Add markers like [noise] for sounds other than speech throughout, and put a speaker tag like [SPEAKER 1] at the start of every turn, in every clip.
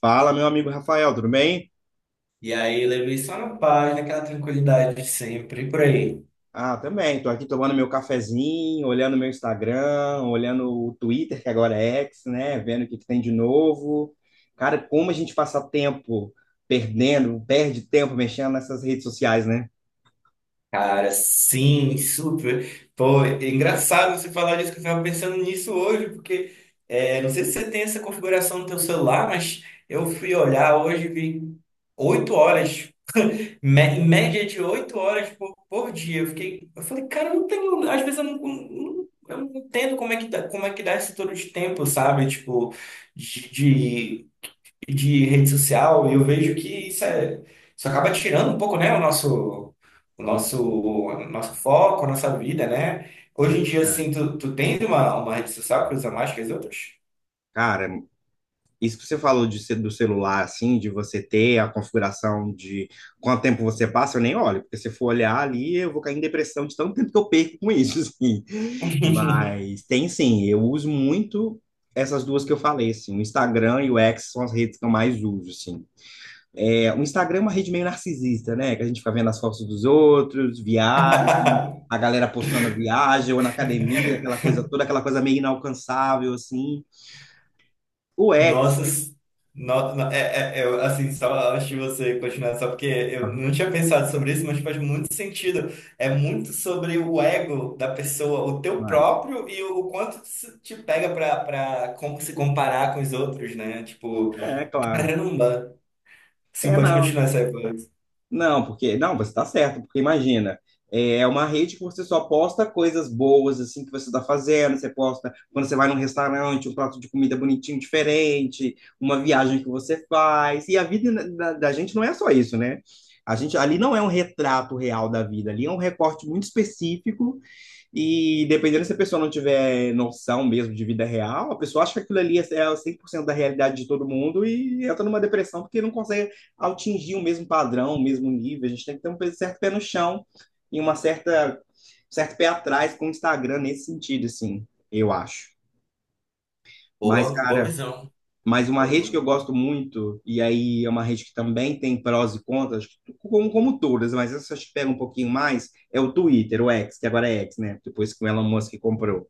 [SPEAKER 1] Fala, meu amigo Rafael, tudo bem?
[SPEAKER 2] E aí levei só na paz, naquela tranquilidade de sempre, e por aí.
[SPEAKER 1] Ah, também. Tô aqui tomando meu cafezinho, olhando meu Instagram, olhando o Twitter, que agora é X, né? Vendo o que que tem de novo. Cara, como a gente passa tempo perde tempo mexendo nessas redes sociais, né?
[SPEAKER 2] Cara, sim, super. Pô, é engraçado você falar disso, que eu estava pensando nisso hoje, porque não sei se você tem essa configuração no teu celular, mas eu fui olhar hoje e vi 8 horas, me- média de 8 horas por dia. Eu fiquei, eu falei, cara, eu não tenho, às vezes eu eu não entendo como é que dá esse todo de tempo, sabe? Tipo, de, de rede social, e eu vejo que isso, isso acaba tirando um pouco, né, o nosso, o
[SPEAKER 1] Ó,
[SPEAKER 2] nosso, o nosso foco, a nossa vida, né?
[SPEAKER 1] é
[SPEAKER 2] Hoje em dia,
[SPEAKER 1] verdade.
[SPEAKER 2] assim, tu tens uma rede social que usa mais que as outras?
[SPEAKER 1] Cara, isso que você falou do celular, assim, de você ter a configuração de quanto tempo você passa, eu nem olho, porque se eu for olhar ali, eu vou cair em depressão de tanto tempo que eu perco com isso, [laughs] assim.
[SPEAKER 2] [laughs]
[SPEAKER 1] Mas tem sim, eu uso muito essas duas que eu falei, assim, o Instagram e o X são as redes que eu mais uso, assim. É, o Instagram é uma rede meio narcisista, né? Que a gente fica vendo as fotos dos outros, viagem, a galera postando viagem ou na academia, aquela coisa toda, aquela coisa meio inalcançável, assim. O X,
[SPEAKER 2] Nossa, eu, assim, só antes de você continuar, só porque eu
[SPEAKER 1] aham,
[SPEAKER 2] não tinha pensado sobre isso, mas faz muito sentido. É muito sobre o ego da pessoa, o teu
[SPEAKER 1] mas
[SPEAKER 2] próprio e o quanto isso te pega para como se comparar com os outros, né? Tipo,
[SPEAKER 1] é claro.
[SPEAKER 2] caramba! Sim,
[SPEAKER 1] É,
[SPEAKER 2] pode
[SPEAKER 1] não.
[SPEAKER 2] continuar essa época.
[SPEAKER 1] Não, porque. Não, você está certo, porque imagina. É uma rede que você só posta coisas boas, assim, que você está fazendo. Você posta quando você vai num restaurante, um prato de comida bonitinho, diferente, uma viagem que você faz. E a vida da, da gente não é só isso, né? A gente, ali não é um retrato real da vida, ali é um recorte muito específico e dependendo se a pessoa não tiver noção mesmo de vida real, a pessoa acha que aquilo ali é 100% da realidade de todo mundo e entra numa depressão porque não consegue atingir o mesmo padrão, o mesmo nível. A gente tem que ter um certo pé no chão e uma certa certo pé atrás com o Instagram nesse sentido, assim, eu acho. Mas,
[SPEAKER 2] Boa, boa
[SPEAKER 1] cara,
[SPEAKER 2] visão,
[SPEAKER 1] mas uma
[SPEAKER 2] boa
[SPEAKER 1] rede que eu
[SPEAKER 2] visão.
[SPEAKER 1] gosto muito, e aí é uma rede que também tem prós e contras, acho que como, como todas, mas essa acho que pega um pouquinho mais, é o Twitter, o X, que agora é X, né? Depois que o Elon Musk comprou.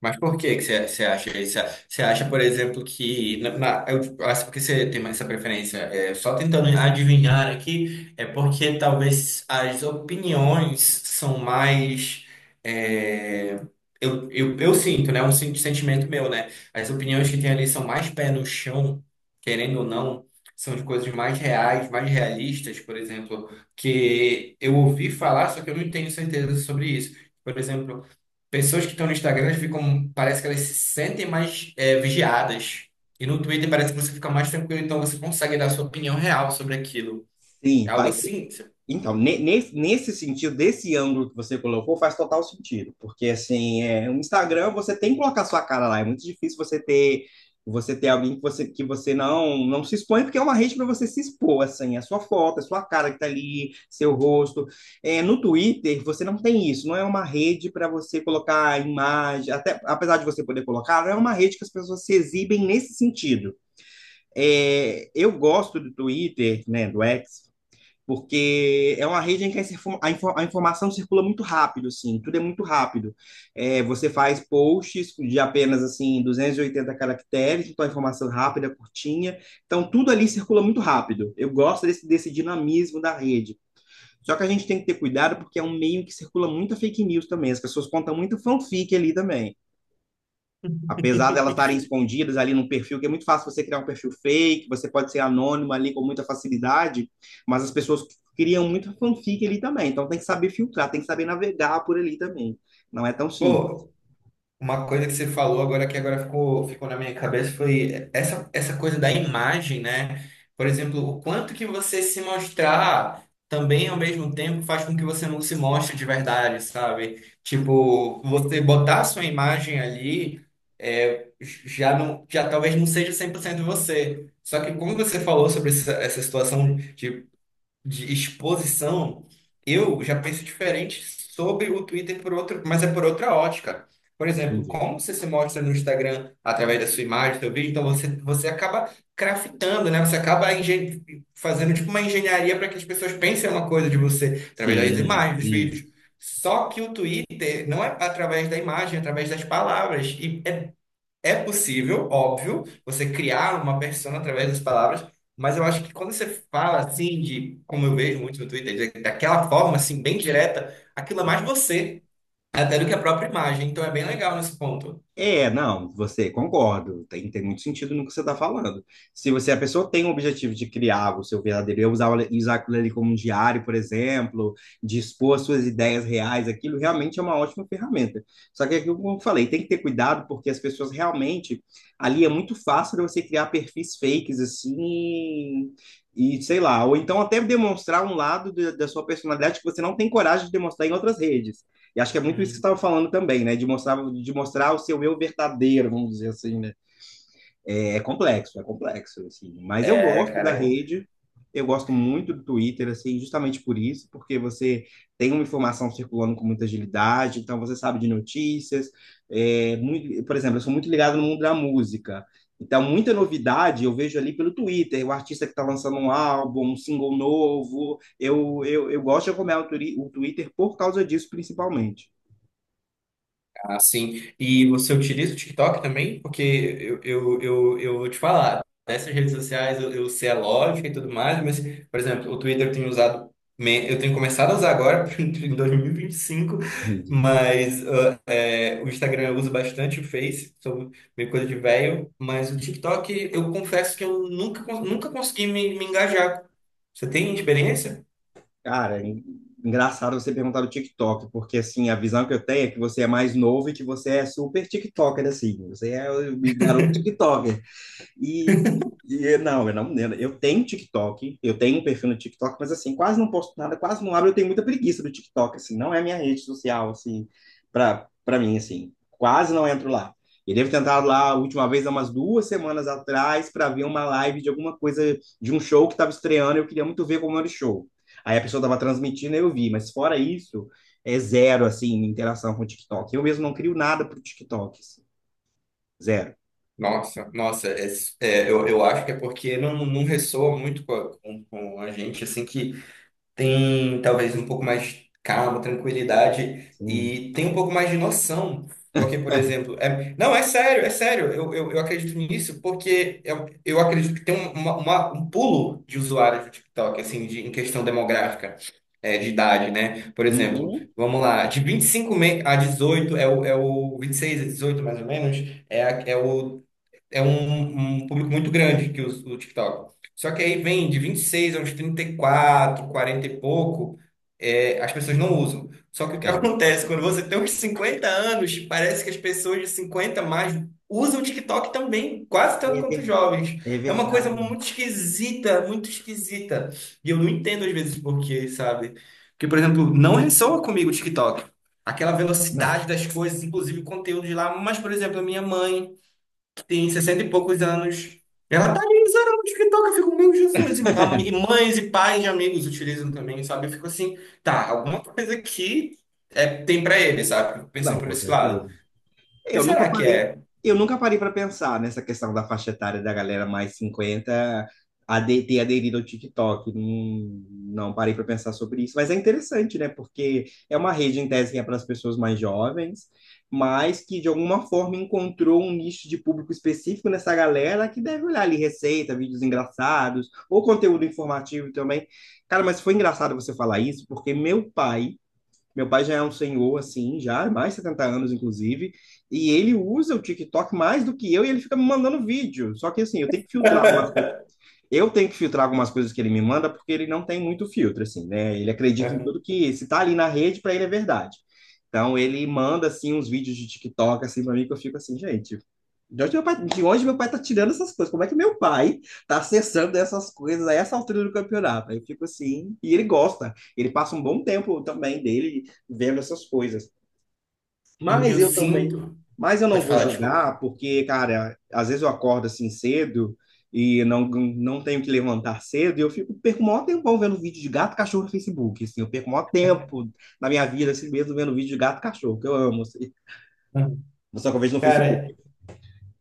[SPEAKER 2] Mas por que que você acha isso? Você acha, por exemplo, que. Eu acho porque você tem essa preferência. É, só tentando adivinhar aqui, é porque talvez as opiniões são mais. é, eu sinto, né? Um sentimento meu, né? As opiniões que tem ali são mais pé no chão, querendo ou não, são de coisas mais reais, mais realistas, por exemplo, que eu ouvi falar, só que eu não tenho certeza sobre isso. Por exemplo. Pessoas que estão no Instagram, elas ficam, parece que elas se sentem mais vigiadas. E no Twitter parece que você fica mais tranquilo, então você consegue dar a sua opinião real sobre aquilo. É
[SPEAKER 1] Sim,
[SPEAKER 2] algo
[SPEAKER 1] vai ser.
[SPEAKER 2] assim?
[SPEAKER 1] Então, nesse sentido, desse ângulo que você colocou, faz total sentido. Porque, assim, é, o Instagram, você tem que colocar sua cara lá. É muito difícil você ter alguém que você não se expõe, porque é uma rede para você se expor, assim. A sua foto, a sua cara que tá ali, seu rosto. É, no Twitter, você não tem isso. Não é uma rede para você colocar a imagem. Até, apesar de você poder colocar, não é uma rede que as pessoas se exibem nesse sentido. É, eu gosto do Twitter, né, do X, porque é uma rede em que a informação circula muito rápido, assim, tudo é muito rápido. É, você faz posts de apenas, assim, 280 caracteres, então a informação é rápida, curtinha, então tudo ali circula muito rápido. Eu gosto desse, desse dinamismo da rede. Só que a gente tem que ter cuidado porque é um meio que circula muita fake news também, as pessoas contam muito fanfic ali também, apesar delas estarem escondidas ali num perfil, que é muito fácil você criar um perfil fake, você pode ser anônimo ali com muita facilidade, mas as pessoas criam muito fanfic ali também, então tem que saber filtrar, tem que saber navegar por ali também. Não é tão simples.
[SPEAKER 2] Pô, uma coisa que você falou agora que agora ficou na minha cabeça foi essa coisa da imagem, né? Por exemplo, o quanto que você se mostrar também ao mesmo tempo faz com que você não se mostre de verdade, sabe? Tipo, você botar a sua imagem ali já não, já talvez não seja 100% você. Só que como você falou sobre essa situação de exposição, eu já penso diferente sobre o Twitter por outro, mas é por outra ótica. Por exemplo,
[SPEAKER 1] Entendi.
[SPEAKER 2] como você se mostra no Instagram através da sua imagem, do seu vídeo, então você acaba craftando, né? Você acaba fazendo tipo uma engenharia para que as pessoas pensem uma coisa de você através das
[SPEAKER 1] Sim,
[SPEAKER 2] imagens, dos
[SPEAKER 1] sim.
[SPEAKER 2] vídeos. Só que o Twitter não é através da imagem, é através das palavras. E é possível, óbvio, você criar uma persona através das palavras, mas eu acho que quando você fala assim, como eu vejo muito no Twitter, daquela forma, assim, bem direta, aquilo é mais você, até do que a própria imagem. Então é bem legal nesse ponto.
[SPEAKER 1] É, não, você concordo, tem muito sentido no que você está falando. Se você, a pessoa tem o objetivo de criar o seu verdadeiro eu, usar aquilo ali como um diário, por exemplo, de expor as suas ideias reais, aquilo realmente é uma ótima ferramenta. Só que é aquilo que eu falei, tem que ter cuidado, porque as pessoas realmente, ali é muito fácil de você criar perfis fakes, assim, e sei lá, ou então até demonstrar um lado da sua personalidade que você não tem coragem de demonstrar em outras redes. E acho que é muito isso que você
[SPEAKER 2] Hum.
[SPEAKER 1] estava falando também, né? De mostrar o seu eu verdadeiro, vamos dizer assim, né? é, complexo, é complexo, assim. Mas eu
[SPEAKER 2] É,
[SPEAKER 1] gosto
[SPEAKER 2] cara,
[SPEAKER 1] da rede, eu gosto muito do Twitter, assim, justamente por isso, porque você tem uma informação circulando com muita agilidade, então você sabe de notícias. É, muito, por exemplo, eu sou muito ligado no mundo da música. Então, muita novidade eu vejo ali pelo Twitter, o artista que está lançando um álbum, um single novo. Eu gosto de acompanhar o Twitter por causa disso, principalmente.
[SPEAKER 2] ah, sim. E você utiliza o TikTok também? Porque eu vou te falar, dessas redes sociais eu sei a lógica e tudo mais, mas, por exemplo, o Twitter eu tenho usado, eu tenho começado a usar agora, [laughs] em 2025,
[SPEAKER 1] Entendi.
[SPEAKER 2] mas ah, o Instagram eu uso bastante, o Face, sou meio coisa de velho, mas o TikTok eu confesso que eu nunca consegui me engajar. Você tem experiência?
[SPEAKER 1] Cara, engraçado você perguntar do TikTok, porque assim, a visão que eu tenho é que você é mais novo e que você é super TikToker, assim. Você é o garoto TikToker. E, e não, eu não, eu tenho TikTok, eu tenho um perfil no TikTok, mas assim, quase não posto nada, quase não abro, eu tenho muita preguiça do TikTok, assim, não é a minha rede social, assim, pra mim, assim, quase não entro lá. Eu devo ter entrado lá a última vez, há umas duas semanas atrás, para ver uma live de alguma coisa, de um show que estava estreando, eu queria muito ver como era o show. Aí a pessoa estava transmitindo, e eu vi, mas fora isso, é zero, assim, interação com o TikTok. Eu mesmo não crio nada para o TikTok, assim, zero.
[SPEAKER 2] Nossa, nossa, eu acho que é porque não ressoa muito com a gente, assim, que tem talvez um pouco mais de calma, tranquilidade
[SPEAKER 1] Assim,
[SPEAKER 2] e tem um pouco mais de noção. Porque, por exemplo, não, é sério, eu acredito nisso porque eu acredito que tem um pulo de usuários do TikTok, assim, em questão demográfica, de idade, né? Por exemplo,
[SPEAKER 1] uhum.
[SPEAKER 2] vamos lá, de 25 a 18 é o 26 a 18 mais ou menos, é, a- é o um público muito grande que usa o TikTok. Só que aí vem de 26 a uns 34, 40 e pouco, as pessoas não usam. Só que o que [laughs]
[SPEAKER 1] É, mas
[SPEAKER 2] acontece,
[SPEAKER 1] acho
[SPEAKER 2] quando
[SPEAKER 1] que
[SPEAKER 2] você tem uns 50 anos, parece que as pessoas de 50 a mais usam o TikTok também, quase tanto
[SPEAKER 1] é
[SPEAKER 2] quanto os
[SPEAKER 1] ver-
[SPEAKER 2] jovens.
[SPEAKER 1] é
[SPEAKER 2] É uma coisa
[SPEAKER 1] verdade.
[SPEAKER 2] muito esquisita, muito esquisita. E eu não entendo às vezes por quê, sabe? Porque, por exemplo, não ressoa comigo o TikTok. Aquela
[SPEAKER 1] Não.
[SPEAKER 2] velocidade das coisas, inclusive o conteúdo de lá. Mas, por exemplo, a minha mãe tem 60 e poucos anos. Ela tá ali usando o TikTok, eu fico, meu Jesus, e e
[SPEAKER 1] [laughs]
[SPEAKER 2] mães e pais de amigos utilizam também, sabe? Eu fico assim, tá, alguma coisa aqui tem pra ele, sabe? Fico pensando
[SPEAKER 1] Não,
[SPEAKER 2] por
[SPEAKER 1] com
[SPEAKER 2] esse
[SPEAKER 1] certeza.
[SPEAKER 2] lado. O que
[SPEAKER 1] Eu nunca
[SPEAKER 2] será que
[SPEAKER 1] parei,
[SPEAKER 2] é?
[SPEAKER 1] eu nunca parei para pensar nessa questão da faixa etária da galera mais 50 ter aderido ao TikTok. Não, não parei para pensar sobre isso, mas é interessante, né? Porque é uma rede em tese que é para as pessoas mais jovens, mas que de alguma forma encontrou um nicho de público específico nessa galera que deve olhar ali receita, vídeos engraçados ou conteúdo informativo também. Cara, mas foi engraçado você falar isso, porque meu pai já é um senhor, assim, já, mais de 70 anos, inclusive, e ele usa o TikTok mais do que eu e ele fica me mandando vídeo. Só que, assim, eu tenho que filtrar algumas coisas. Eu tenho que filtrar algumas coisas que ele me manda porque ele não tem muito filtro, assim, né? Ele acredita em tudo que, se tá ali na rede, para ele é verdade. Então, ele manda, assim, uns vídeos de TikTok, assim, para mim, que eu fico assim, gente, de onde, meu pai, de onde meu pai tá tirando essas coisas? Como é que meu pai tá acessando essas coisas a essa altura do campeonato? Aí eu fico assim, e ele gosta, ele passa um bom tempo também dele vendo essas coisas.
[SPEAKER 2] Eu,
[SPEAKER 1] Mas
[SPEAKER 2] eu
[SPEAKER 1] eu também,
[SPEAKER 2] sinto.
[SPEAKER 1] mas eu não
[SPEAKER 2] Pode
[SPEAKER 1] vou
[SPEAKER 2] falar, desculpa.
[SPEAKER 1] julgar, porque, cara, às vezes eu acordo assim cedo e não tenho que levantar cedo, e perco o maior tempão vendo vídeo de gato e cachorro no Facebook, assim, eu perco o maior tempo na minha vida, assim mesmo, vendo vídeo de gato e cachorro, que eu amo, assim. Só que eu vejo no Facebook,
[SPEAKER 2] Cara,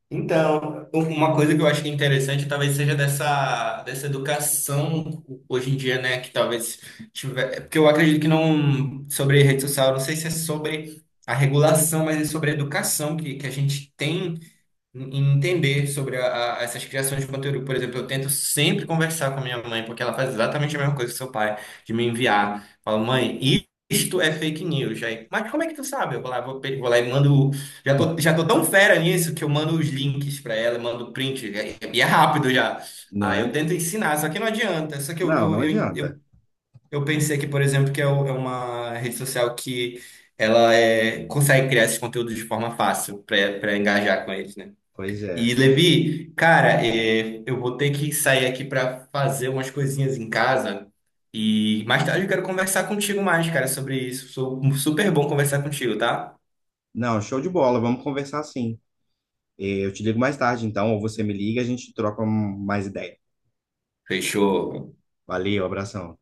[SPEAKER 2] então, uma coisa que eu acho que é interessante talvez seja dessa educação hoje em dia, né? Que talvez tiver. Porque eu acredito que não. Sobre rede social, eu não sei se é sobre a regulação, mas é sobre a educação que a gente tem em entender sobre essas criações de conteúdo. Por exemplo, eu tento sempre conversar com a minha mãe, porque ela faz exatamente a mesma coisa que seu pai, de me enviar. Fala, mãe, isto é fake news. Aí, mas como é que tu sabe? Eu vou lá, vou lá e mando. Já tô tão fera nisso que eu mando os links para ela, mando print, e é rápido já.
[SPEAKER 1] não
[SPEAKER 2] Aí eu
[SPEAKER 1] é?
[SPEAKER 2] tento ensinar, só que não adianta. Só que eu,
[SPEAKER 1] Não,
[SPEAKER 2] eu,
[SPEAKER 1] não
[SPEAKER 2] eu,
[SPEAKER 1] adianta.
[SPEAKER 2] eu, eu pensei que, por exemplo, que é é uma rede social que ela consegue criar esses conteúdos de forma fácil para engajar com eles, né?
[SPEAKER 1] Pois é.
[SPEAKER 2] E Levi, cara, eu vou ter que sair aqui para fazer umas coisinhas em casa e mais tarde eu quero conversar contigo mais, cara, sobre isso. Sou super bom conversar contigo, tá?
[SPEAKER 1] Não, show de bola. Vamos conversar sim. Eh, eu te ligo mais tarde, então, ou você me liga, a gente troca mais ideia.
[SPEAKER 2] Fechou.
[SPEAKER 1] Valeu, abração.